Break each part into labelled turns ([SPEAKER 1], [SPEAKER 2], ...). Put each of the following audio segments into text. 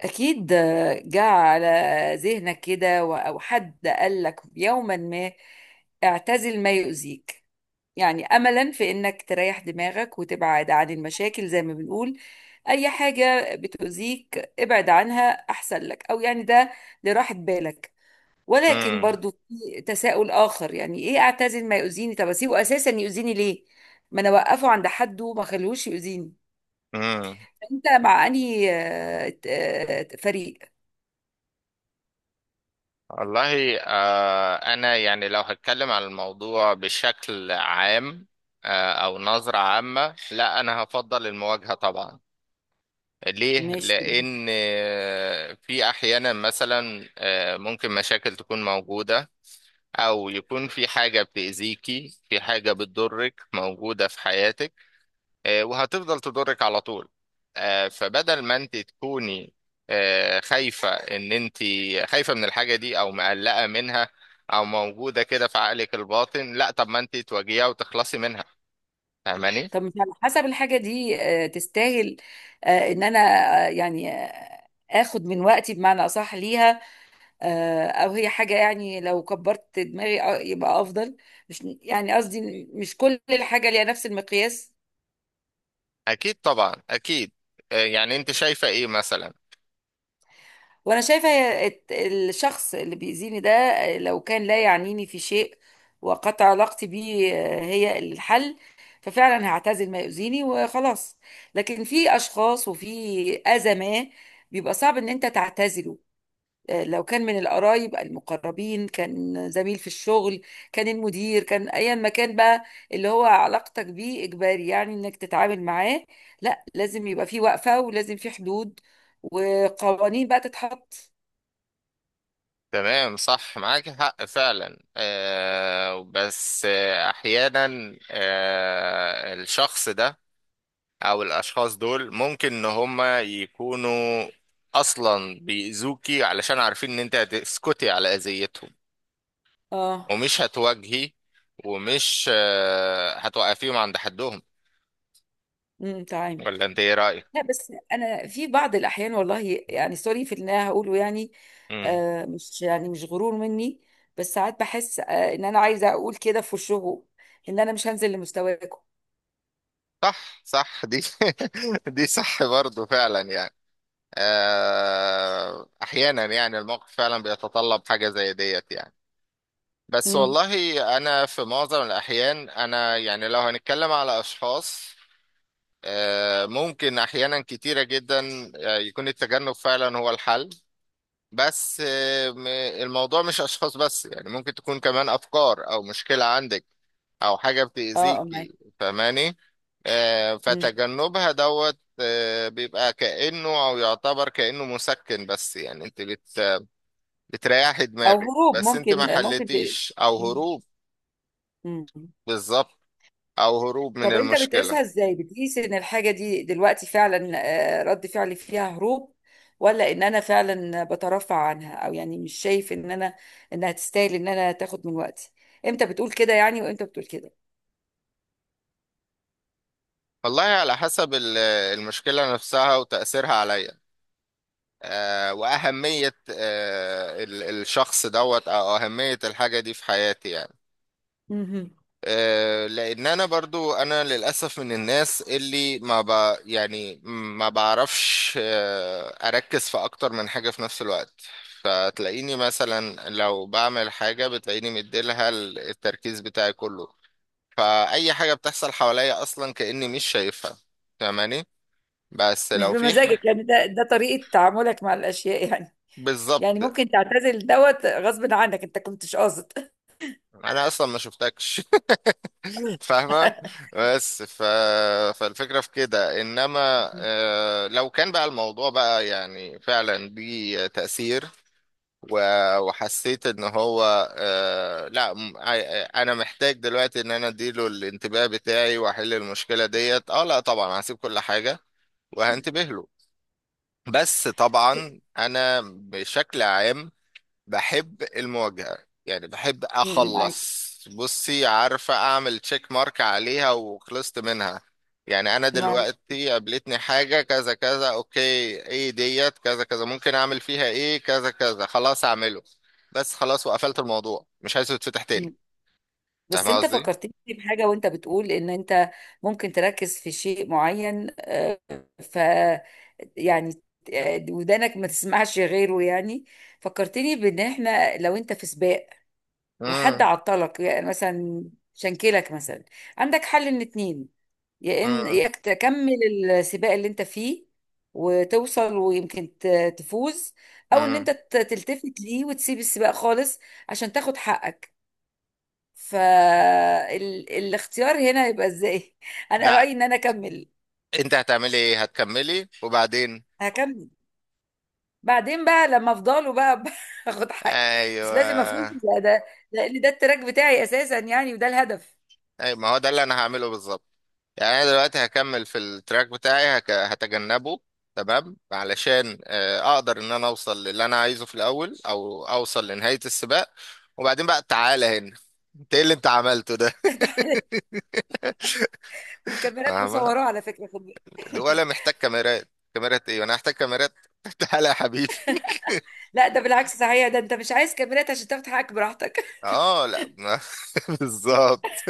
[SPEAKER 1] أكيد جاء على ذهنك كده، أو حد قال لك يوما ما: اعتزل ما يؤذيك. يعني أملا في إنك تريح دماغك وتبعد عن المشاكل، زي ما بنقول: أي حاجة بتؤذيك ابعد عنها أحسن لك، أو يعني ده لراحة بالك. ولكن
[SPEAKER 2] امم
[SPEAKER 1] برضو في تساؤل آخر: يعني إيه اعتزل ما يؤذيني؟ طب أسيبه أساسا يؤذيني ليه؟ ما أنا أوقفه عند حده وما خلوش يؤذيني.
[SPEAKER 2] امم
[SPEAKER 1] أنت مع أنهي فريق؟
[SPEAKER 2] والله آه انا يعني لو هتكلم عن الموضوع بشكل عام آه او نظرة عامة، لا انا هفضل المواجهة طبعا. ليه؟
[SPEAKER 1] ماشي.
[SPEAKER 2] لان في احيانا مثلا ممكن مشاكل تكون موجودة او يكون في حاجة بتأذيكي، في حاجة بتضرك موجودة في حياتك وهتفضل تضرك على طول. فبدل ما انت تكوني خايفة ان انت خايفة من الحاجة دي او مقلقة منها او موجودة كده في عقلك الباطن، لا طب ما انت تواجهيها وتخلصي منها. فاهماني؟
[SPEAKER 1] طب مش على حسب الحاجة دي تستاهل ان انا اخد من وقتي، بمعنى اصح، ليها؟ او هي حاجة يعني لو كبرت دماغي يبقى افضل. مش يعني قصدي مش كل الحاجة ليها نفس المقياس.
[SPEAKER 2] اكيد طبعا، اكيد. يعني انت شايفة ايه مثلا؟
[SPEAKER 1] وانا شايفه هي الشخص اللي بيأذيني ده، لو كان لا يعنيني في شيء وقطع علاقتي بيه هي الحل، ففعلا هعتزل ما يؤذيني وخلاص. لكن في اشخاص وفي اذى ما بيبقى صعب ان انت تعتزله، لو كان من القرايب المقربين، كان زميل في الشغل، كان المدير، كان ايا ما كان بقى اللي هو علاقتك بيه اجباري يعني انك تتعامل معاه. لا، لازم يبقى في وقفة ولازم في حدود وقوانين بقى تتحط.
[SPEAKER 2] تمام، صح، معاك حق فعلا. آه، بس آه، احيانا الشخص ده او الاشخاص دول ممكن ان هما يكونوا اصلا بيأذوكي علشان عارفين ان انت هتسكتي على اذيتهم
[SPEAKER 1] اه،
[SPEAKER 2] ومش هتواجهي، ومش هتوقفيهم عند حدهم.
[SPEAKER 1] امم، تمام.
[SPEAKER 2] ولا انت ايه رأيك؟
[SPEAKER 1] لا، بس انا في بعض الاحيان والله، يعني سوري في اللي انا هقوله، يعني
[SPEAKER 2] امم.
[SPEAKER 1] مش يعني مش غرور مني، بس ساعات بحس ان انا عايزه اقول كده في وشهم: ان انا مش هنزل لمستواكم.
[SPEAKER 2] صح، صح دي دي صح برضو فعلا يعني. احيانا يعني الموقف فعلا بيتطلب حاجة زي ديت يعني. بس
[SPEAKER 1] امم.
[SPEAKER 2] والله انا في معظم الاحيان انا يعني لو هنتكلم على اشخاص، ممكن أحيانا كتيرة جدا يكون التجنب فعلا هو الحل. بس الموضوع مش أشخاص بس، يعني ممكن تكون كمان أفكار أو مشكلة عندك أو حاجة
[SPEAKER 1] اه، اه، معاك.
[SPEAKER 2] بتأذيكي. فاهماني؟
[SPEAKER 1] امم،
[SPEAKER 2] فتجنبها دوت بيبقى كأنه أو يعتبر كأنه مسكن، بس يعني أنت بت بتريحي
[SPEAKER 1] او
[SPEAKER 2] دماغك
[SPEAKER 1] هروب،
[SPEAKER 2] بس أنت ما
[SPEAKER 1] ممكن
[SPEAKER 2] حلتيش، أو
[SPEAKER 1] امم.
[SPEAKER 2] هروب.
[SPEAKER 1] امم.
[SPEAKER 2] بالظبط، أو هروب من
[SPEAKER 1] طب انت
[SPEAKER 2] المشكلة.
[SPEAKER 1] بتقيسها ازاي؟ بتقيس ان الحاجة دي دلوقتي فعلا رد فعلي فيها هروب، ولا ان انا فعلا بترفع عنها او يعني مش شايف ان انا انها تستاهل ان انا تاخد من وقتي؟ امتى بتقول كده يعني، وامتى بتقول كده؟
[SPEAKER 2] والله على حسب المشكلة نفسها وتأثيرها عليا وأهمية الشخص دوت أو أهمية الحاجة دي في حياتي يعني.
[SPEAKER 1] مهم.
[SPEAKER 2] لأن أنا برضو أنا للأسف من الناس اللي ما ب يعني ما بعرفش أركز في أكتر من حاجة في نفس الوقت. فتلاقيني مثلا لو بعمل حاجة بتلاقيني مديلها التركيز بتاعي كله، فأي حاجة بتحصل حواليا أصلا كأني مش شايفها. فاهماني؟ بس
[SPEAKER 1] مش
[SPEAKER 2] لو في
[SPEAKER 1] بمزاجك
[SPEAKER 2] ح-
[SPEAKER 1] يعني، ده ده طريقة تعاملك مع الاشياء يعني. يعني
[SPEAKER 2] بالظبط،
[SPEAKER 1] ممكن تعتزل دوت غصب عنك، انت كنتش قاصد.
[SPEAKER 2] أنا أصلا ما شفتكش. فاهمة؟ بس ف... فالفكرة في كده إنما لو كان بقى الموضوع بقى يعني فعلا ليه تأثير وحسيت إن هو آه، لا م- ع- أنا محتاج دلوقتي إن أنا أديله الانتباه بتاعي وأحل المشكلة ديت، أه لا طبعا هسيب كل حاجة وهنتبه له. بس طبعا أنا بشكل عام بحب المواجهة. يعني بحب
[SPEAKER 1] مم، معاك.
[SPEAKER 2] أخلص، بصي عارفة، أعمل تشيك مارك عليها وخلصت منها. يعني أنا
[SPEAKER 1] معاك،
[SPEAKER 2] دلوقتي قابلتني حاجة كذا كذا، أوكي إيه ديت؟ كذا كذا. ممكن أعمل فيها إيه؟ كذا كذا. خلاص أعمله، بس خلاص، وقفلت الموضوع مش عايزه يتفتح تاني. فاهم
[SPEAKER 1] بس انت
[SPEAKER 2] قصدي؟
[SPEAKER 1] فكرتني بحاجة. وانت بتقول ان انت ممكن تركز في شيء معين ف، يعني ودانك ما تسمعش غيره يعني. فكرتني بان احنا لو انت في سباق وحد
[SPEAKER 2] امم
[SPEAKER 1] عطلك يعني، مثلا شنكلك مثلا، عندك حل من اتنين: يا ان
[SPEAKER 2] امم
[SPEAKER 1] يا إنك تكمل السباق اللي انت فيه وتوصل ويمكن تفوز، او ان
[SPEAKER 2] امم
[SPEAKER 1] انت تلتفت ليه وتسيب السباق خالص عشان تاخد حقك. فالاختيار هنا يبقى ازاي؟ انا
[SPEAKER 2] لا.
[SPEAKER 1] رأيي ان انا اكمل.
[SPEAKER 2] أنت هتعملي إيه؟ هتكملي وبعدين.
[SPEAKER 1] هكمل، بعدين بقى لما افضله بقى اخد حقي. بس لازم افوز،
[SPEAKER 2] أيوه.
[SPEAKER 1] ده لان ده التراك بتاعي اساسا يعني، وده الهدف.
[SPEAKER 2] أي ما هو ده اللي أنا هعمله بالظبط. يعني انا دلوقتي هكمل في التراك بتاعي، هتجنبه تمام علشان اقدر ان انا اوصل للي انا عايزه في الاول او اوصل لنهاية السباق، وبعدين بقى تعالى هنا انت ايه اللي انت عملته ده.
[SPEAKER 1] والكاميرات
[SPEAKER 2] فاهمة؟
[SPEAKER 1] مصوراه على فكرة، خد بالك.
[SPEAKER 2] ولا محتاج كاميرات. كاميرات ايه، انا هحتاج كاميرات؟ تعالى يا حبيبي.
[SPEAKER 1] لا، ده بالعكس صحيح، ده انت مش عايز كاميرات عشان تاخد حقك براحتك.
[SPEAKER 2] اه لا ما- بالظبط.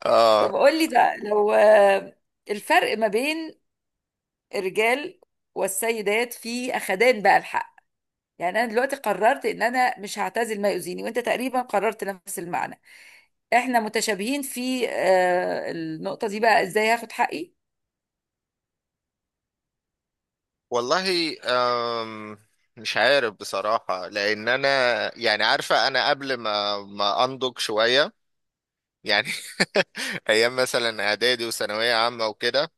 [SPEAKER 2] اه.
[SPEAKER 1] طب قول لي ده، لو الفرق ما بين الرجال والسيدات في اخدان بقى الحق. يعني انا دلوقتي قررت ان انا مش هعتزل ما يؤذيني، وانت تقريبا قررت نفس المعنى. احنا متشابهين في النقطة دي. بقى ازاي هاخد حقي؟
[SPEAKER 2] والله أم، مش عارف بصراحة لأن أنا يعني، عارفة، أنا قبل ما أنضج شوية يعني ايام مثلا اعدادي وثانويه عامه وكده،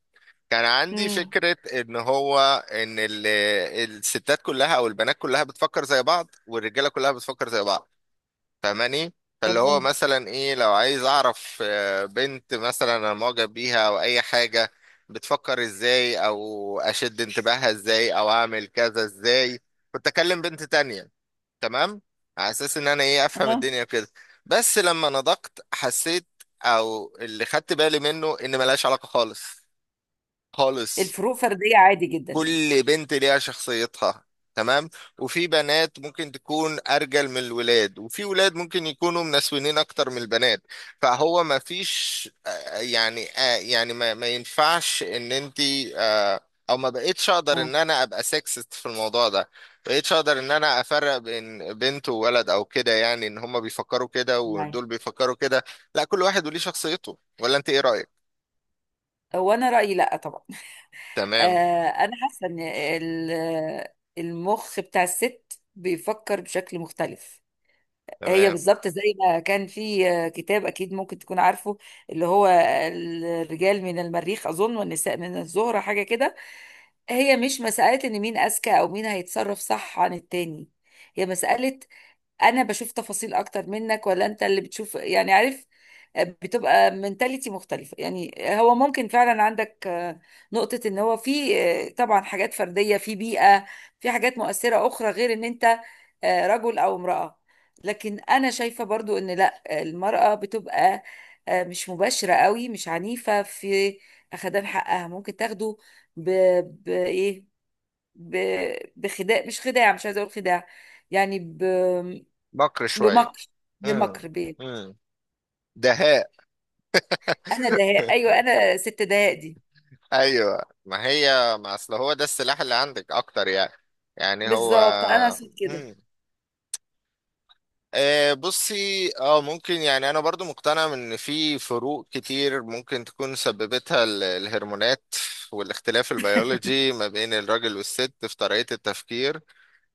[SPEAKER 2] كان عندي
[SPEAKER 1] امم،
[SPEAKER 2] فكره ان هو ان الستات كلها او البنات كلها بتفكر زي بعض والرجاله كلها بتفكر زي بعض. فاهماني؟ فاللي هو
[SPEAKER 1] تمام.
[SPEAKER 2] مثلا ايه، لو عايز اعرف بنت مثلا انا معجب بيها او اي حاجه، بتفكر ازاي او اشد انتباهها ازاي او اعمل كذا ازاي، كنت اكلم بنت تانية، تمام، على اساس ان انا ايه افهم
[SPEAKER 1] اه،
[SPEAKER 2] الدنيا كده. بس لما نضقت حسيت، او اللي خدت بالي منه، ان ملهاش علاقة خالص خالص.
[SPEAKER 1] الفروق فردية عادي جدا يعني.
[SPEAKER 2] كل بنت ليها شخصيتها، تمام، وفي بنات ممكن تكون ارجل من الولاد، وفي ولاد ممكن يكونوا منسوينين اكتر من البنات. فهو ما فيش ما ينفعش ان انت آه، او ما بقيتش اقدر
[SPEAKER 1] اه،
[SPEAKER 2] ان انا ابقى سكسست في الموضوع ده. بقيتش اقدر ان انا افرق بين بنت وولد او كده، يعني ان هما بيفكروا كده
[SPEAKER 1] معايا.
[SPEAKER 2] ودول بيفكروا كده. لا، كل واحد وليه شخصيته. ولا انت ايه رأيك؟
[SPEAKER 1] هو انا رأيي لا طبعا. آه،
[SPEAKER 2] تمام.
[SPEAKER 1] انا حاسة ان المخ بتاع الست بيفكر بشكل مختلف. هي
[SPEAKER 2] تمام.
[SPEAKER 1] بالظبط زي ما كان في كتاب، اكيد ممكن تكون عارفه، اللي هو الرجال من المريخ اظن، والنساء من الزهرة، حاجة كده. هي مش مسألة ان مين اذكى او مين هيتصرف صح عن التاني، هي مسألة انا بشوف تفاصيل اكتر منك، ولا انت اللي بتشوف، يعني عارف. بتبقى منتاليتي مختلفة. يعني هو ممكن فعلا عندك نقطة ان هو في طبعا حاجات فردية في بيئة، في حاجات مؤثرة اخرى غير ان انت رجل او امرأة. لكن انا شايفة برضو ان لا، المرأة بتبقى مش مباشرة قوي، مش عنيفة في اخدان حقها. ممكن تاخده ب... بايه، ب... بخداع، مش خداع، مش عايزة اقول خداع، يعني
[SPEAKER 2] بكر شوية.
[SPEAKER 1] بمكر بمكر بيه.
[SPEAKER 2] امم. دهاء.
[SPEAKER 1] انا دهاء، ايوه، انا ست دهاء دي.
[SPEAKER 2] ايوه، ما هي ما اصل هو ده السلاح اللي عندك اكتر يعني. يعني هو
[SPEAKER 1] بالظبط، انا صوت كده.
[SPEAKER 2] مم. بصي، اه ممكن، يعني انا برضو مقتنع ان في فروق كتير ممكن تكون سببتها الهرمونات والاختلاف البيولوجي ما بين الراجل والست في طريقة التفكير.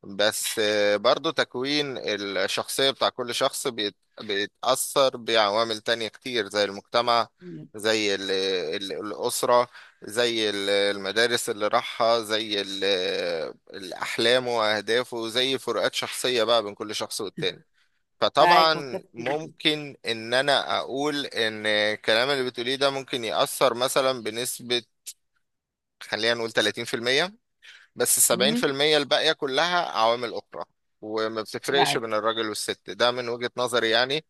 [SPEAKER 2] بس برضو تكوين الشخصية بتاع كل شخص بيتأثر بعوامل تانية كتير زي المجتمع،
[SPEAKER 1] مم،
[SPEAKER 2] زي الأسرة، زي المدارس اللي راحها، زي أحلامه وأهدافه، زي فروقات شخصية بقى بين كل شخص والتاني.
[SPEAKER 1] معاك،
[SPEAKER 2] فطبعا
[SPEAKER 1] متفق جدا.
[SPEAKER 2] ممكن ان انا اقول ان الكلام اللي بتقوليه ده ممكن يأثر مثلا بنسبة، خلينا نقول 30%، بس السبعين في
[SPEAKER 1] مم،
[SPEAKER 2] المية الباقية كلها عوامل أخرى. وما بتفرقش بين
[SPEAKER 1] معاك.
[SPEAKER 2] الراجل والست، ده من وجهة نظري يعني.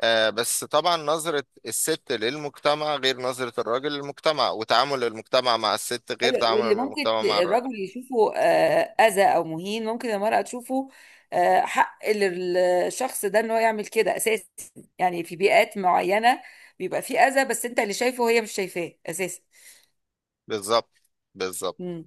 [SPEAKER 2] آه بس طبعا نظرة الست للمجتمع غير نظرة الراجل للمجتمع، وتعامل المجتمع مع الست غير
[SPEAKER 1] ايوه،
[SPEAKER 2] تعامل
[SPEAKER 1] واللي ممكن
[SPEAKER 2] المجتمع مع الراجل.
[SPEAKER 1] الرجل يشوفه اذى او مهين، ممكن المرأة تشوفه حق للشخص ده ان هو يعمل كده اساسا. يعني في بيئات معينة بيبقى في اذى، بس انت اللي شايفه وهي مش شايفاه اساسا.
[SPEAKER 2] بالظبط. بالظبط.
[SPEAKER 1] مم.